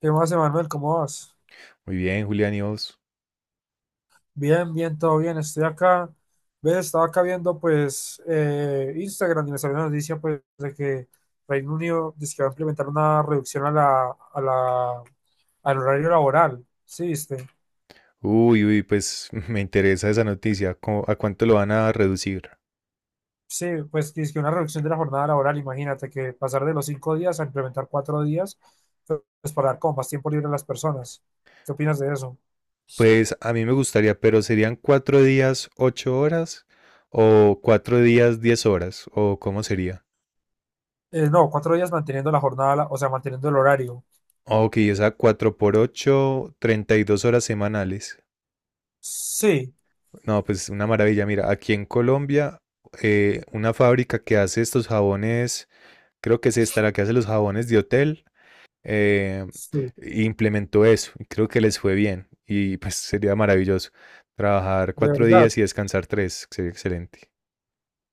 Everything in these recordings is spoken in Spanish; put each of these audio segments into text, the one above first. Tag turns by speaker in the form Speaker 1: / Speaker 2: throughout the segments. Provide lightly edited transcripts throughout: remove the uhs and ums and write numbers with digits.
Speaker 1: ¿Qué más, Emanuel? ¿Cómo vas?
Speaker 2: Muy bien, Julián, ¿y vos?
Speaker 1: Bien, bien, todo bien. Estoy acá. ¿Ves? Estaba acá viendo, pues, Instagram y me salió una noticia, pues, de que Reino Unido dice que va a implementar una reducción a la, a la, al horario laboral. ¿Sí, viste?
Speaker 2: Uy, uy, pues me interesa esa noticia. ¿A cuánto lo van a reducir?
Speaker 1: Sí, pues, que es que una reducción de la jornada laboral. Imagínate que pasar de los 5 días a implementar 4 días, pues, para dar como más tiempo libre a las personas. ¿Qué opinas de eso?
Speaker 2: Pues a mí me gustaría, pero ¿serían cuatro días, ocho horas? ¿O cuatro días, diez horas? ¿O cómo sería?
Speaker 1: No, 4 días manteniendo la jornada, o sea, manteniendo el horario.
Speaker 2: Ok, esa 4 por 8, 32 horas semanales.
Speaker 1: Sí,
Speaker 2: No, pues una maravilla. Mira, aquí en Colombia, una fábrica que hace estos jabones, creo que es esta la que hace los jabones de hotel. eh,
Speaker 1: sí,
Speaker 2: implementó eso y creo que les fue bien y pues sería maravilloso trabajar
Speaker 1: de
Speaker 2: cuatro
Speaker 1: verdad.
Speaker 2: días y descansar tres, sería excelente.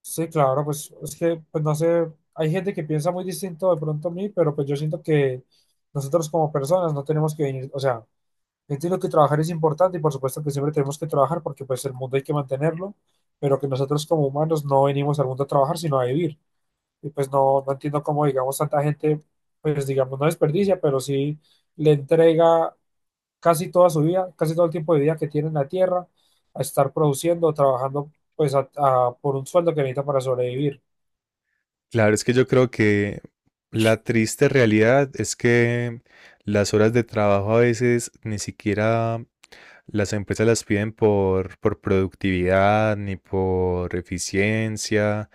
Speaker 1: Sí, claro, pues es que, pues no sé, hay gente que piensa muy distinto de pronto a mí, pero pues yo siento que nosotros como personas no tenemos que venir, o sea, entiendo que trabajar es importante y por supuesto que siempre tenemos que trabajar porque pues el mundo hay que mantenerlo, pero que nosotros como humanos no venimos al mundo a trabajar, sino a vivir. Y pues no, no entiendo cómo, digamos, tanta gente, pues digamos, no desperdicia, pero sí le entrega casi toda su vida, casi todo el tiempo de vida que tiene en la tierra a estar produciendo, trabajando pues por un sueldo que necesita para sobrevivir.
Speaker 2: Claro, es que yo creo que la triste realidad es que las horas de trabajo a veces ni siquiera las empresas las piden por productividad ni por eficiencia.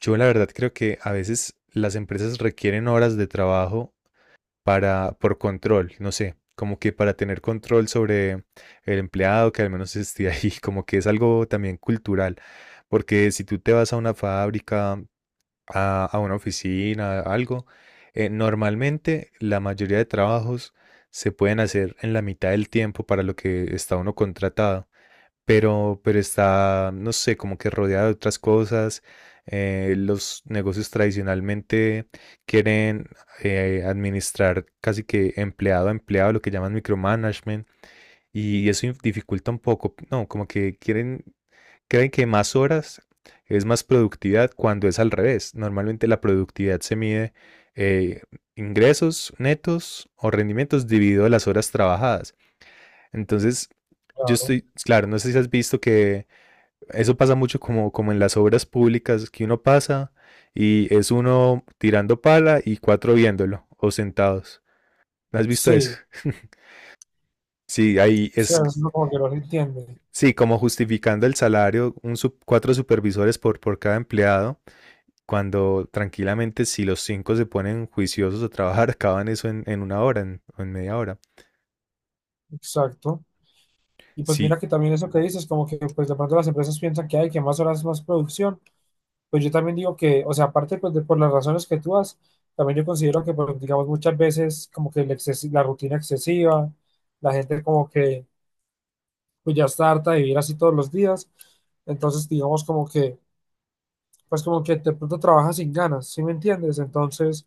Speaker 2: Yo la verdad creo que a veces las empresas requieren horas de trabajo para, por control, no sé, como que para tener control sobre el empleado que al menos esté ahí, como que es algo también cultural, porque si tú te vas a una fábrica, a una oficina, a algo, normalmente la mayoría de trabajos se pueden hacer en la mitad del tiempo para lo que está uno contratado pero está, no sé, como que rodeada de otras cosas. Los negocios tradicionalmente quieren administrar casi que empleado a empleado, lo que llaman micromanagement, y eso dificulta un poco, no, como que quieren, creen que más horas es más productividad cuando es al revés. Normalmente la productividad se mide eh, ingresos netos o rendimientos dividido las horas trabajadas. Entonces, yo
Speaker 1: Claro,
Speaker 2: estoy, claro, no sé si has visto que eso pasa mucho como, como en las obras públicas, que uno pasa y es uno tirando pala y cuatro viéndolo o sentados. ¿No has visto eso?
Speaker 1: sí,
Speaker 2: Sí, ahí
Speaker 1: o
Speaker 2: es,
Speaker 1: sea, es lo como que no se entiende,
Speaker 2: sí, como justificando el salario, cuatro supervisores por cada empleado, cuando tranquilamente si los cinco se ponen juiciosos a trabajar, acaban eso en una hora o en media hora.
Speaker 1: exacto. Y pues
Speaker 2: Sí,
Speaker 1: mira que también eso que dices, como que pues de pronto las empresas piensan que hay que más horas, más producción, pues yo también digo que, o sea, aparte pues de, por las razones que tú das, también yo considero que pues, digamos muchas veces como que la rutina excesiva, la gente como que pues ya está harta de vivir así todos los días, entonces digamos como que de pronto trabajas sin ganas, ¿sí me entiendes? Entonces,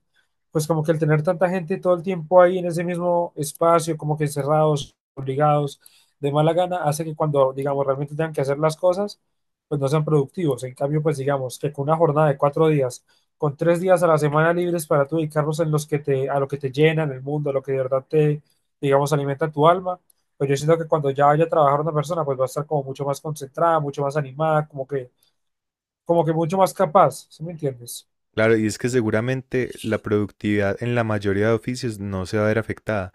Speaker 1: pues como que el tener tanta gente todo el tiempo ahí en ese mismo espacio, como que encerrados, obligados, de mala gana, hace que cuando, digamos, realmente tengan que hacer las cosas, pues no sean productivos. En cambio, pues digamos que con una jornada de 4 días, con 3 días a la semana libres para tú dedicarlos en los que te, a lo que te llenan el mundo, a lo que de verdad te, digamos, alimenta tu alma, pues yo siento que cuando ya vaya a trabajar una persona, pues va a estar como mucho más concentrada, mucho más animada, como que mucho más capaz, ¿sí me entiendes?
Speaker 2: claro, y es que seguramente la productividad en la mayoría de oficios no se va a ver afectada.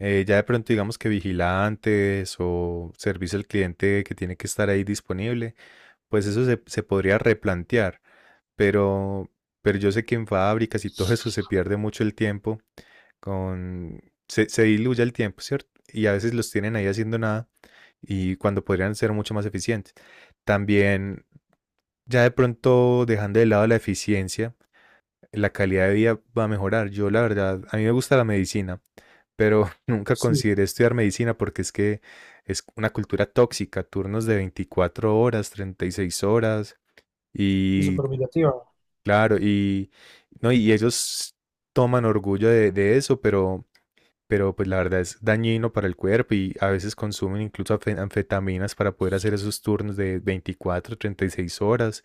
Speaker 2: Ya de pronto digamos que vigilantes o servicio al cliente que tiene que estar ahí disponible, pues eso se podría replantear, pero, pero yo sé que en fábricas y todo eso se pierde mucho el tiempo, con, se diluye el tiempo, ¿cierto? Y a veces los tienen ahí haciendo nada y cuando podrían ser mucho más eficientes. También ya de pronto dejando de lado la eficiencia la calidad de vida va a mejorar. Yo, la verdad, a mí me gusta la medicina, pero nunca
Speaker 1: Sí,
Speaker 2: consideré estudiar medicina porque es que es una cultura tóxica, turnos de 24 horas, 36 horas,
Speaker 1: y
Speaker 2: y
Speaker 1: súper humillativa.
Speaker 2: claro, y, no, y ellos toman orgullo de eso, pero pues la verdad es dañino para el cuerpo y a veces consumen incluso anfetaminas para poder hacer esos turnos de 24 36 horas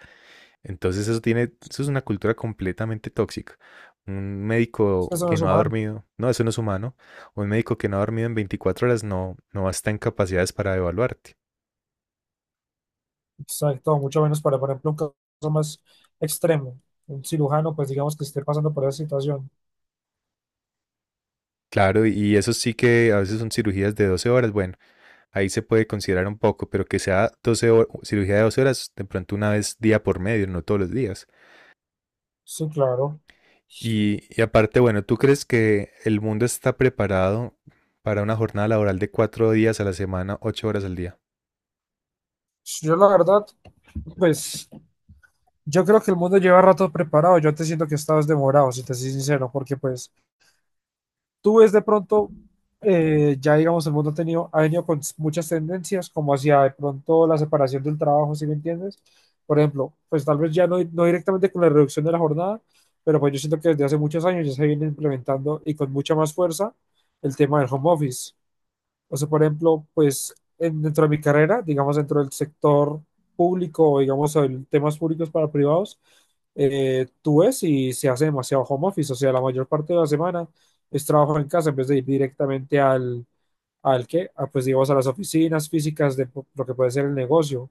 Speaker 2: entonces eso tiene, eso es una cultura completamente tóxica. Un médico
Speaker 1: Eso no
Speaker 2: que
Speaker 1: es
Speaker 2: no ha
Speaker 1: humano,
Speaker 2: dormido, no, eso no es humano. Un médico que no ha dormido en 24 horas no, no está en capacidades para evaluarte.
Speaker 1: exacto, mucho menos para, por ejemplo, un caso más extremo, un cirujano, pues digamos que esté pasando por esa situación.
Speaker 2: Claro, y eso sí que a veces son cirugías de 12 horas, bueno, ahí se puede considerar un poco, pero que sea cirugía de 12 horas, de pronto una vez día por medio, no todos los días.
Speaker 1: Sí, claro.
Speaker 2: Y aparte, bueno, ¿tú crees que el mundo está preparado para una jornada laboral de cuatro días a la semana, ocho horas al día?
Speaker 1: Yo la verdad, pues yo creo que el mundo lleva rato preparado, yo te siento que estabas demorado, si te soy sincero, porque pues tú ves de pronto, ya digamos, el mundo ha tenido, ha venido con muchas tendencias, como hacia de pronto la separación del trabajo, ¿sí me entiendes? Por ejemplo, pues tal vez ya no, no directamente con la reducción de la jornada, pero pues yo siento que desde hace muchos años ya se viene implementando y con mucha más fuerza el tema del home office. O sea, por ejemplo, pues dentro de mi carrera, digamos dentro del sector público o digamos temas públicos para privados, tú ves y se hace demasiado home office, o sea, la mayor parte de la semana es trabajo en casa en vez de ir directamente al que, pues digamos a las oficinas físicas lo que puede ser el negocio.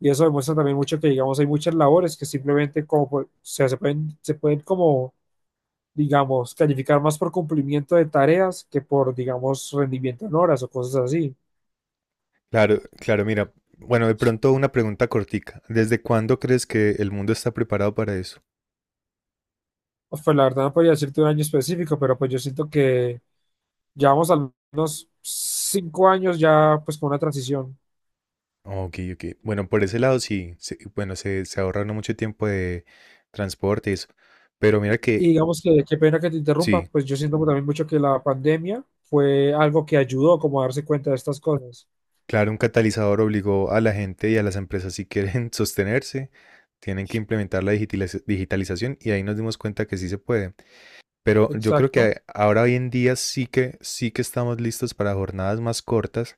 Speaker 1: Y eso demuestra también mucho que digamos hay muchas labores que simplemente como pues, o sea, se pueden como digamos, calificar más por cumplimiento de tareas que por, digamos, rendimiento en horas o cosas así.
Speaker 2: Claro, claro, mira, bueno, de pronto una pregunta cortica. ¿Desde cuándo crees que el mundo está preparado para eso?
Speaker 1: Pues, la verdad no podría decirte un año específico, pero pues yo siento que llevamos al menos 5 años ya pues con una transición.
Speaker 2: Ok, ok. Bueno, por ese lado sí, sí, bueno, se ahorra uno mucho tiempo de transporte y eso. Pero mira
Speaker 1: Y
Speaker 2: que
Speaker 1: digamos que qué pena que te interrumpa,
Speaker 2: sí,
Speaker 1: pues yo siento también mucho que la pandemia fue algo que ayudó como a darse cuenta de estas cosas.
Speaker 2: claro, un catalizador obligó a la gente y a las empresas si quieren sostenerse, tienen que implementar la digitalización y ahí nos dimos cuenta que sí se puede. Pero yo creo
Speaker 1: Exacto,
Speaker 2: que ahora hoy en día sí que estamos listos para jornadas más cortas.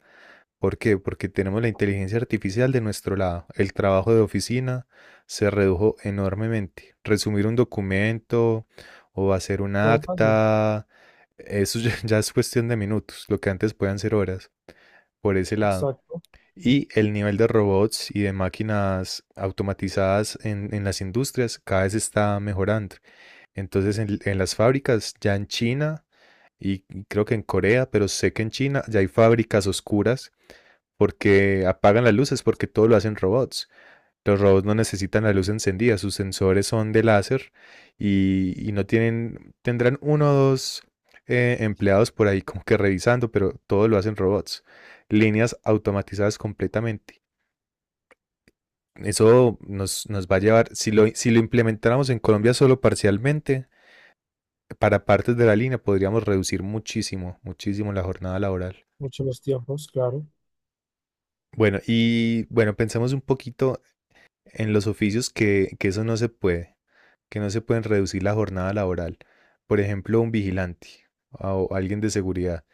Speaker 2: ¿Por qué? Porque tenemos la inteligencia artificial de nuestro lado. El trabajo de oficina se redujo enormemente. Resumir un documento o hacer una
Speaker 1: todo fácil,
Speaker 2: acta, eso ya, ya es cuestión de minutos, lo que antes podían ser horas, por ese lado.
Speaker 1: exacto,
Speaker 2: Y el nivel de robots y de máquinas automatizadas en las industrias cada vez está mejorando. Entonces en las fábricas, ya en China y creo que en Corea, pero sé que en China ya hay fábricas oscuras porque apagan las luces, porque todo lo hacen robots. Los robots no necesitan la luz encendida, sus sensores son de láser y no tienen, tendrán uno o dos empleados por ahí como que revisando, pero todo lo hacen robots. Líneas automatizadas completamente. Eso nos, nos va a llevar, si lo, si lo implementáramos en Colombia solo parcialmente, para partes de la línea podríamos reducir muchísimo, muchísimo la jornada laboral.
Speaker 1: muchos los tiempos, claro.
Speaker 2: Bueno, y bueno, pensemos un poquito en los oficios que eso no se puede, que no se pueden reducir la jornada laboral. Por ejemplo, un vigilante o alguien de seguridad.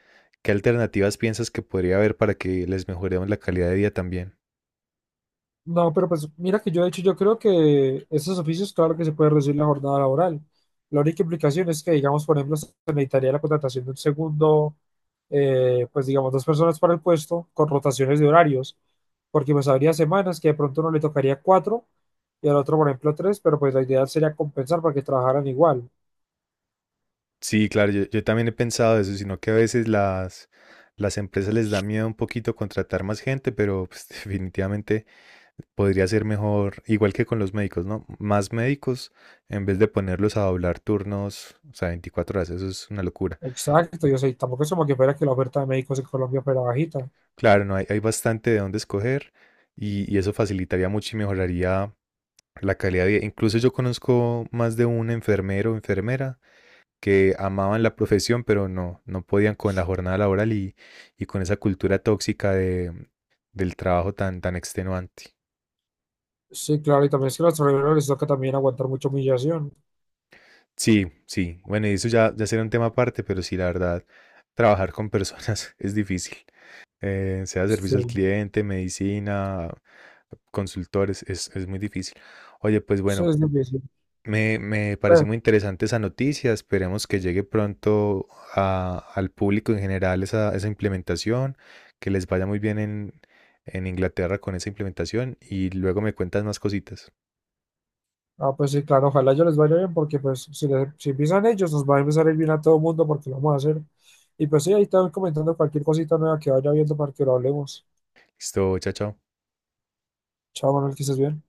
Speaker 2: ¿Qué alternativas piensas que podría haber para que les mejoremos la calidad de vida también?
Speaker 1: No, pero pues mira que yo de hecho yo creo que esos oficios, claro que se puede reducir la jornada laboral. La única implicación es que, digamos, por ejemplo, se necesitaría la contratación de un segundo, pues digamos, dos personas para el puesto con rotaciones de horarios, porque pues habría semanas que de pronto uno le tocaría cuatro y al otro, por ejemplo, tres, pero pues la idea sería compensar para que trabajaran igual.
Speaker 2: Sí, claro, yo también he pensado eso, sino que a veces las empresas les da miedo un poquito contratar más gente, pero pues, definitivamente podría ser mejor, igual que con los médicos, ¿no? Más médicos en vez de ponerlos a doblar turnos, o sea, 24 horas, eso es una locura.
Speaker 1: Exacto, yo sé, tampoco es como que fuera que la oferta de médicos en Colombia fuera bajita.
Speaker 2: Claro, no, hay bastante de dónde escoger y eso facilitaría mucho y mejoraría la calidad de vida. Incluso yo conozco más de un enfermero o enfermera que amaban la profesión, pero no, no podían con la jornada laboral y con esa cultura tóxica de, del trabajo tan, tan extenuante.
Speaker 1: Sí, claro, y también es que a los trabajadores les toca también aguantar mucha humillación.
Speaker 2: Sí, sí. Bueno, y eso ya, ya será un tema aparte, pero sí, la verdad, trabajar con personas es difícil. Sea
Speaker 1: Sí,
Speaker 2: servicio al cliente, medicina, consultores, es muy difícil. Oye, pues
Speaker 1: eso
Speaker 2: bueno,
Speaker 1: es difícil.
Speaker 2: me pareció
Speaker 1: Pues,
Speaker 2: muy interesante esa noticia. Esperemos que llegue pronto al público en general esa, esa implementación, que les vaya muy bien en Inglaterra con esa implementación y luego me cuentas más cositas.
Speaker 1: ah, pues sí, claro, ojalá yo les vaya bien porque pues si empiezan ellos nos va a empezar a ir bien a todo el mundo porque lo vamos a hacer. Y pues sí, ahí están comentando cualquier cosita nueva que vaya viendo para que lo hablemos.
Speaker 2: Listo, chao, chao.
Speaker 1: Chao, Manuel, que estés bien.